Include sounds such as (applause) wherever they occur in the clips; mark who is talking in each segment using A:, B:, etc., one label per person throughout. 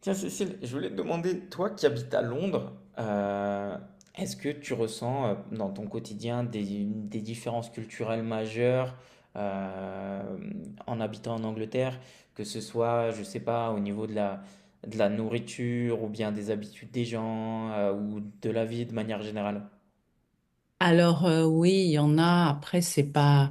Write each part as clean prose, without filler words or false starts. A: Tiens, Cécile, je voulais te demander, toi qui habites à Londres, euh, est-ce que tu ressens dans ton quotidien des différences culturelles majeures euh, en habitant en Angleterre, que ce soit, je sais pas, au niveau de la nourriture ou bien des habitudes des gens ou de la vie de manière générale?
B: Oui, il y en a. Après, c'est pas.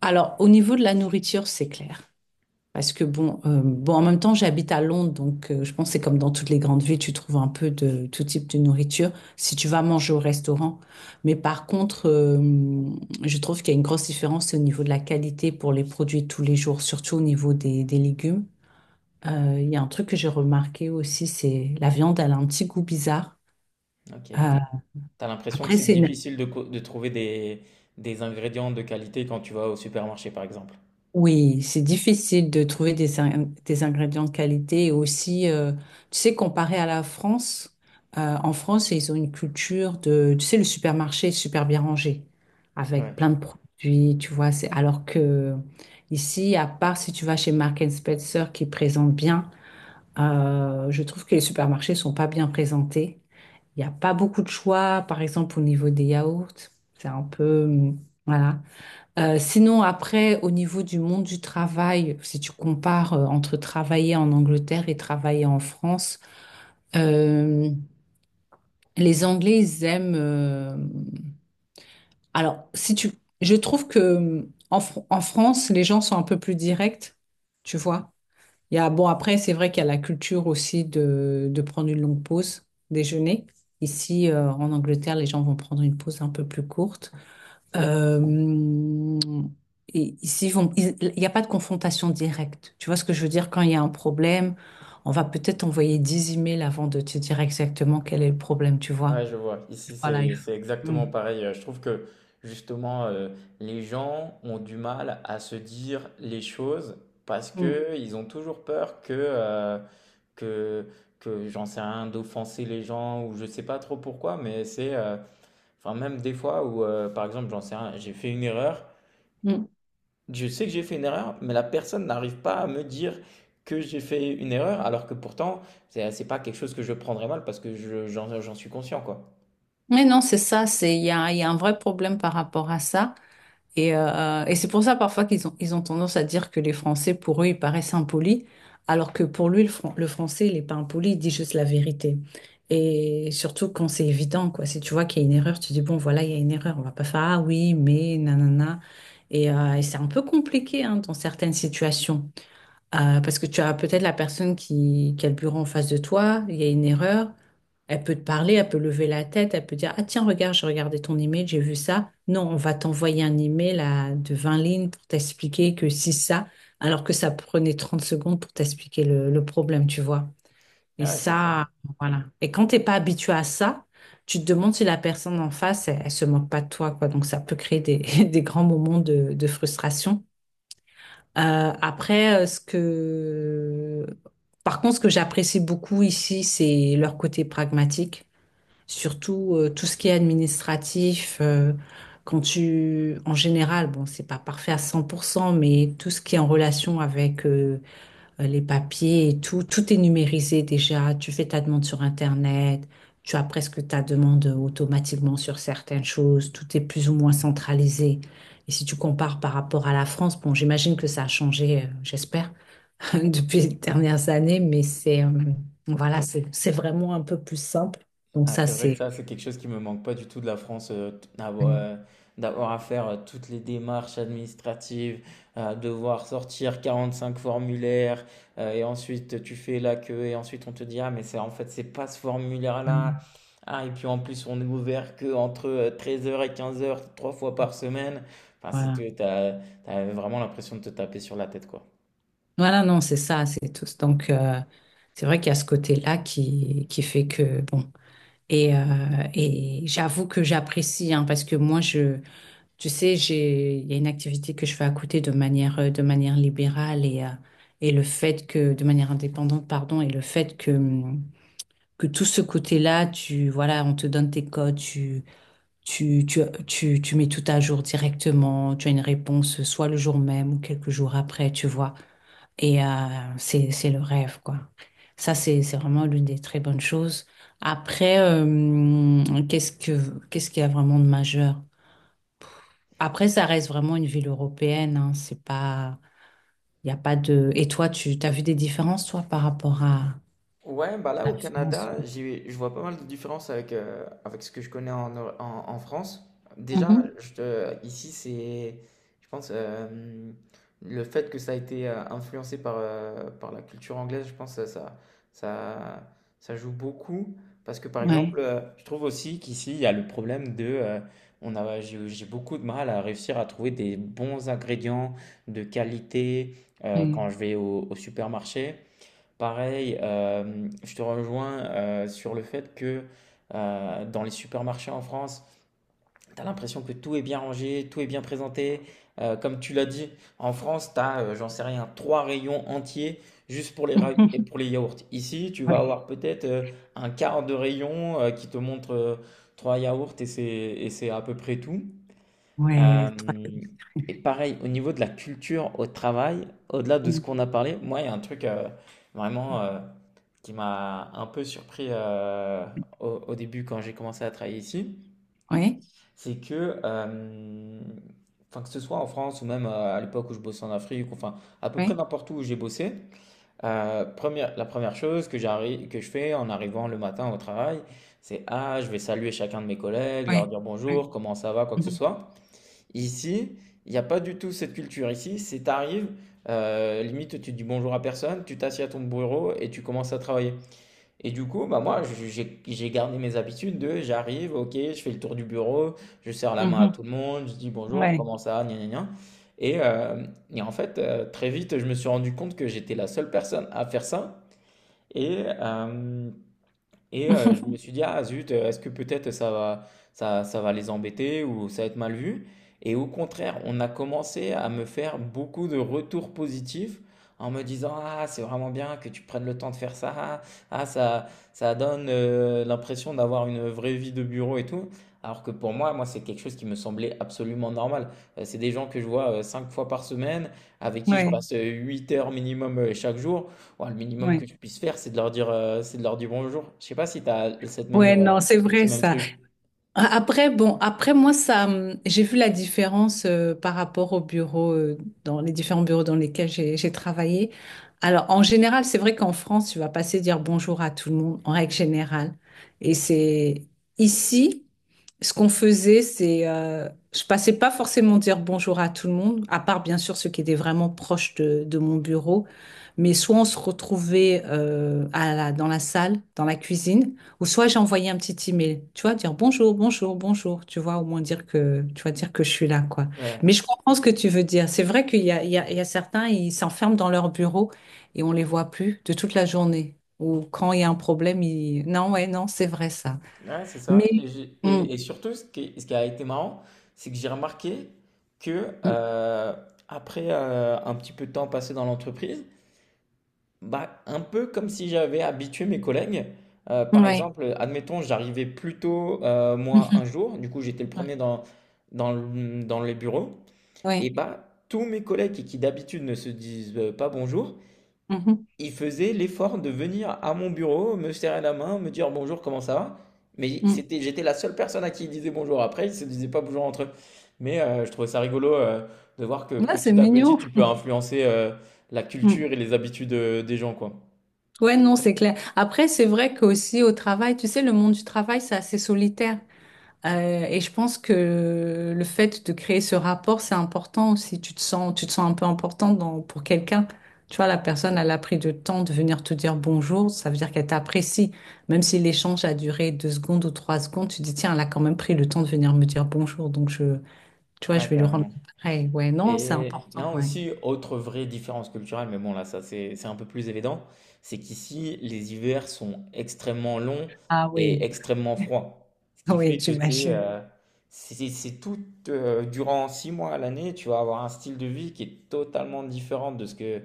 B: Alors au niveau de la nourriture, c'est clair. Parce que bon, en même temps, j'habite à Londres, donc je pense que c'est comme dans toutes les grandes villes, tu trouves un peu de tout type de nourriture si tu vas manger au restaurant. Mais par contre, je trouve qu'il y a une grosse différence au niveau de la qualité pour les produits de tous les jours, surtout au niveau des légumes. Il y a un truc que j'ai remarqué aussi, c'est la viande, elle a un petit goût bizarre.
A: Ok.
B: Euh,
A: T'as l'impression que
B: après,
A: c'est
B: c'est une
A: difficile de, de trouver des ingrédients de qualité quand tu vas au supermarché, par exemple?
B: Oui, c'est difficile de trouver des ingrédients de qualité et aussi, tu sais, comparé à la France, en France, ils ont une culture de, tu sais, le supermarché est super bien rangé,
A: Ouais.
B: avec plein de produits, alors que ici, à part si tu vas chez Marks and Spencer qui présente bien, je trouve que les supermarchés sont pas bien présentés. Il n'y a pas beaucoup de choix, par exemple, au niveau des yaourts, c'est un peu, voilà. Sinon, après, au niveau du monde du travail, si tu compares entre travailler en Angleterre et travailler en France, euh, les Anglais, ils aiment... Alors, si tu... Je trouve que en France, les gens sont un peu plus directs, tu vois. Bon, après, c'est vrai qu'il y a la culture aussi de prendre une longue pause, déjeuner. Ici, en Angleterre, les gens vont prendre une pause un peu plus courte. Euh, et ici, il n'y a pas de confrontation directe. Tu vois ce que je veux dire? Quand il y a un problème, on va peut-être envoyer 10 emails avant de te dire exactement quel est le problème, tu vois?
A: Ouais, je vois. Ici,
B: Voilà. il
A: c'est
B: faut-
A: c'est
B: Mm.
A: exactement pareil. Je trouve que justement, les gens ont du mal à se dire les choses parce
B: Mm.
A: que ils ont toujours peur que que que j'en sais rien d'offenser les gens ou je sais pas trop pourquoi. Mais c'est enfin même des fois où par exemple j'en sais rien, j'ai fait une erreur.
B: Mm.
A: Je sais que j'ai fait une erreur, mais la personne n'arrive pas à me dire que j'ai fait une erreur, alors que pourtant c'est pas quelque chose que je prendrais mal parce que je j'en j'en suis conscient quoi.
B: Mais non, c'est ça, il y a un vrai problème par rapport à ça. Et c'est pour ça parfois qu'ils ont tendance à dire que les Français, pour eux, ils paraissent impolis, alors que pour lui, le Français, il n'est pas impoli, il dit juste la vérité. Et surtout quand c'est évident, quoi. Si tu vois qu'il y a une erreur, tu dis, bon, voilà, il y a une erreur, on va pas faire, ah oui, mais, nanana. Et c'est un peu compliqué, hein, dans certaines situations. Parce que tu as peut-être la personne qui a le bureau en face de toi, il y a une erreur, elle peut te parler, elle peut lever la tête, elle peut dire, ah tiens, regarde, j'ai regardé ton email, j'ai vu ça. Non, on va t'envoyer un email à, de 20 lignes pour t'expliquer que si ça, alors que ça prenait 30 secondes pour t'expliquer le problème, tu vois. Et
A: Ouais, c'est ça.
B: ça, voilà. Et quand t'es pas habitué à ça, tu te demandes si la personne en face, elle se moque pas de toi, quoi. Donc ça peut créer des, (laughs) des grands moments de frustration. Euh, après, euh, ce que, Par contre, ce que j'apprécie beaucoup ici, c'est leur côté pragmatique, surtout tout ce qui est administratif. En général, bon, c'est pas parfait à 100%, mais tout ce qui est en relation avec les papiers et tout, tout est numérisé déjà. Tu fais ta demande sur Internet, tu as presque ta demande automatiquement sur certaines choses, tout est plus ou moins centralisé. Et si tu compares par rapport à la France, bon, j'imagine que ça a changé, j'espère, (laughs) depuis les dernières années, mais c'est vraiment un peu plus simple. Donc
A: Ah,
B: ça,
A: c'est vrai que
B: c'est
A: ça, c'est quelque chose qui me manque pas du tout de la France, d'avoir d'avoir à faire toutes les démarches administratives, devoir sortir 45 formulaires, et ensuite tu fais la queue, et ensuite on te dit, ah, mais c'est pas ce formulaire-là. Ah, et puis en plus, on est ouvert que entre 13 heures et 15 heures trois fois par semaine. Enfin,
B: voilà.
A: c'est, t'as, t'as vraiment l'impression de te taper sur la tête, quoi.
B: Voilà, non, c'est ça, c'est tout. Donc c'est vrai qu'il y a ce côté-là qui fait que bon. Et, euh, et j'avoue que j'apprécie, hein, parce que tu sais, il y a une activité que je fais à côté de manière libérale et le fait que, de manière indépendante, pardon, et le fait que tout ce côté-là, voilà, on te donne tes codes, tu, tu, tu mets tout à jour directement, tu as une réponse soit le jour même ou quelques jours après, tu vois. Et c'est le rêve, quoi. C'est vraiment l'une des très bonnes choses. Après, qu'est-ce qu'il y a vraiment de majeur? Après, ça reste vraiment une ville européenne, hein. C'est pas, Il n'y a pas de... Et toi, tu as vu des différences, toi, par rapport
A: Ouais, bah là
B: à
A: au
B: la France?
A: Canada, j'ai, je vois pas mal de différences avec, avec ce que je connais en, en France.
B: Ouais.
A: Déjà,
B: Mhm.
A: ici, c'est, je pense, le fait que ça a été influencé par, par la culture anglaise, je pense que ça, ça joue beaucoup. Parce que par exemple,
B: Ouais,
A: je trouve aussi qu'ici, il y a le problème de... on a, j'ai beaucoup de mal à réussir à trouver des bons ingrédients de qualité
B: ouais.
A: quand je vais au supermarché. Pareil, je te rejoins, sur le fait que, dans les supermarchés en France, tu as l'impression que tout est bien rangé, tout est bien présenté. Comme tu l'as dit, en France, tu as, j'en sais rien, 3 rayons entiers juste pour
B: (laughs)
A: les ra et
B: Mhm.
A: pour les yaourts. Ici, tu vas
B: Ouais,
A: avoir peut-être, 1/4 de rayon, qui te montre, 3 yaourts et c'est à peu près tout.
B: ouais.
A: Euh, et pareil, au niveau de la culture au travail, au-delà de ce
B: Mm.
A: qu'on a parlé, moi, il y a un truc vraiment qui m'a un peu surpris au, au début quand j'ai commencé à travailler ici,
B: Ouais,
A: c'est que, enfin, que ce soit en France ou même à l'époque où je bossais en Afrique, enfin, à peu près
B: ouais,
A: n'importe où où j'ai bossé, la première chose que j'arrive, que je fais en arrivant le matin au travail, c'est, ah, je vais saluer chacun de mes collègues, leur
B: ouais,
A: dire
B: ouais,
A: bonjour, comment ça va, quoi que ce
B: Mhm.
A: soit. Ici, il n'y a pas du tout cette culture. Ici, c'est t'arrives, limite tu dis bonjour à personne, tu t'assieds à ton bureau et tu commences à travailler. Et du coup, bah moi, j'ai gardé mes habitudes de j'arrive, ok, je fais le tour du bureau, je serre la main à
B: Mhm.
A: tout le monde, je dis bonjour,
B: Ouais,
A: comment ça, gna gna gna. Et, euh, et en fait, très vite, je me suis rendu compte que j'étais la seule personne à faire ça. Et, euh, je me
B: (laughs)
A: suis dit, ah zut, est-ce que peut-être ça va les embêter ou ça va être mal vu? Et au contraire, on a commencé à me faire beaucoup de retours positifs en me disant, ah c'est vraiment bien que tu prennes le temps de faire ça, ah, ça, ça donne l'impression d'avoir une vraie vie de bureau et tout. Alors que pour moi, moi, c'est quelque chose qui me semblait absolument normal. C'est des gens que je vois 5 fois par semaine, avec qui je
B: ouais,
A: passe 8 heures minimum chaque jour. Ouah, le minimum
B: ouais,
A: que je puisse faire, c'est de leur dire, c'est de leur dire bonjour. Je sais pas si tu as cette même,
B: ouais, non, c'est
A: ce
B: vrai
A: même
B: ça.
A: truc.
B: Après, bon, après moi, ça, j'ai vu la différence par rapport au bureau, dans les différents bureaux dans lesquels j'ai travaillé. Alors, en général, c'est vrai qu'en France, tu vas passer dire bonjour à tout le monde, en règle générale. Et c'est ici. Ce qu'on faisait, c'est, je passais pas forcément dire bonjour à tout le monde, à part bien sûr ceux qui étaient vraiment proches de mon bureau. Mais soit on se retrouvait dans la salle, dans la cuisine, ou soit j'envoyais un petit email, tu vois, dire bonjour, bonjour, bonjour, tu vois, au moins dire que, tu vois, dire que je suis là, quoi.
A: Ouais,
B: Mais je comprends ce que tu veux dire. C'est vrai qu'il y a certains, ils s'enferment dans leur bureau et on les voit plus de toute la journée. Ou quand il y a un problème, ils... Non, ouais, non, c'est vrai ça.
A: ouais, c'est
B: Mais...
A: ça et j'ai
B: Mm.
A: et surtout ce qui a été marrant, c'est que j'ai remarqué que,
B: Mm.
A: heu, après, un petit peu de temps passé dans l'entreprise, bah, un peu comme si j'avais habitué mes collègues. Par
B: Ouais.
A: exemple, admettons, j'arrivais plus tôt,
B: (laughs)
A: moi,
B: Mhm.
A: un jour, du coup, j'étais le
B: Ouais.
A: premier dans le, dans les bureaux et
B: Ouais.
A: bah, tous mes collègues qui d'habitude ne se disent, pas bonjour,
B: Mhm.
A: il faisait l'effort de venir à mon bureau, me serrer la main, me dire bonjour, comment ça va? Mais
B: Mm.
A: c'était, j'étais la seule personne à qui il disait bonjour. Après, ils se disaient pas bonjour entre eux. Mais je trouvais ça rigolo de voir que
B: Ouais, c'est
A: petit à petit,
B: mignon.
A: tu peux
B: (laughs)
A: influencer la
B: Mm. Mm.
A: culture et les habitudes des gens, quoi.
B: Ouais, non, c'est clair. Après, c'est vrai qu'aussi au travail, tu sais, le monde du travail, c'est assez solitaire. Et je pense que le fait de créer ce rapport, c'est important aussi. Tu te sens un peu important dans, pour quelqu'un. Tu vois, la personne, elle a pris du temps de venir te dire bonjour. Ça veut dire qu'elle t'apprécie. Même si l'échange a duré 2 secondes ou 3 secondes, tu dis, tiens, elle a quand même pris le temps de venir me dire bonjour. Tu vois, je
A: Ouais,
B: vais lui rendre
A: carrément.
B: pareil. Ouais, non, c'est
A: Et
B: important.
A: non,
B: Ouais.
A: aussi, autre vraie différence culturelle, mais bon, là, c'est un peu plus évident, c'est qu'ici, les hivers sont extrêmement longs
B: Ah
A: et
B: oui,
A: extrêmement froids. Ce qui
B: (laughs) oui,
A: fait que
B: j'imagine.
A: c'est tout, durant 6 mois à l'année, tu vas avoir un style de vie qui est totalement différent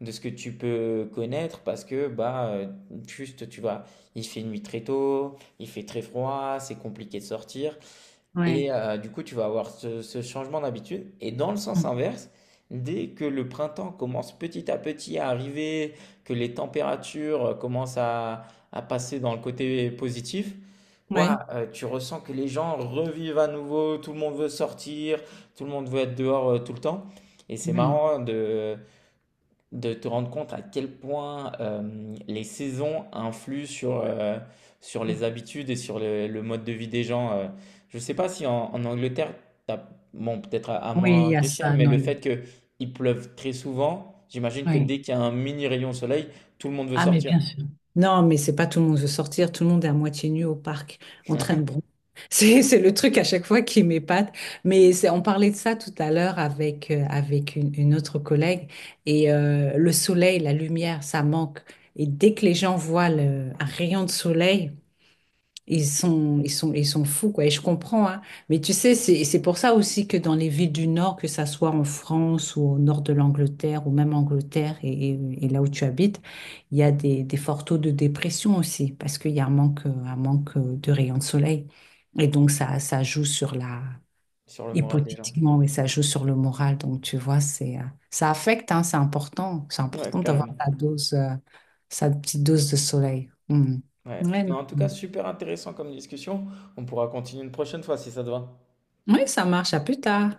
A: de ce que tu peux connaître parce que, bah, juste, tu vas, il fait nuit très tôt, il fait très froid, c'est compliqué de sortir. Et
B: Ouais.
A: du coup, tu vas avoir ce changement d'habitude. Et dans le sens
B: Mm.
A: inverse, dès que le printemps commence petit à petit à arriver, que les températures commencent à passer dans le côté positif,
B: Oui,
A: ouah, tu ressens que les gens revivent à nouveau, tout le monde veut sortir, tout le monde veut être dehors tout le temps. Et c'est
B: oui.
A: marrant de te rendre compte à quel point les saisons influent sur, sur les habitudes et sur le mode de vie des gens. Je ne sais pas si en, en Angleterre, t'as- bon, peut-être à
B: Oui, il y
A: moindre
B: a
A: échelle,
B: ça,
A: mais
B: non.
A: le
B: il-
A: fait qu'il pleuve très souvent, j'imagine que
B: Oui.
A: dès qu'il y a un mini rayon soleil, tout le monde veut
B: Ah, mais
A: sortir
B: bien sûr. Non, mais c'est pas tout le monde veut sortir. Tout le monde est à moitié nu au parc, en train de bronzer. (laughs) C'est le truc à chaque fois qui m'épate. Mais on parlait de ça tout à l'heure avec, avec une autre collègue. Et le soleil, la lumière, ça manque. Et dès que les gens voient un rayon de soleil, ils sont fous, quoi. Et je comprends, hein. Mais tu sais, c'est pour ça aussi que dans les villes du Nord, que ça soit en France ou au nord de l'Angleterre ou même Angleterre et là où tu habites, il y a des forts taux de dépression aussi parce qu'il y a un manque de rayons de soleil. Et donc, ça joue sur la,
A: sur le moral des gens.
B: hypothétiquement, mais ça joue sur le moral. Donc, tu vois, ça affecte, hein, c'est important. C'est
A: Ouais,
B: important d'avoir
A: carrément.
B: sa dose, sa petite dose de soleil. Hmm.
A: Ouais.
B: Ouais,
A: Mais en tout
B: non.
A: cas, super intéressant comme discussion. On pourra continuer une prochaine fois si ça te va.
B: Oui, ça marche. À plus tard.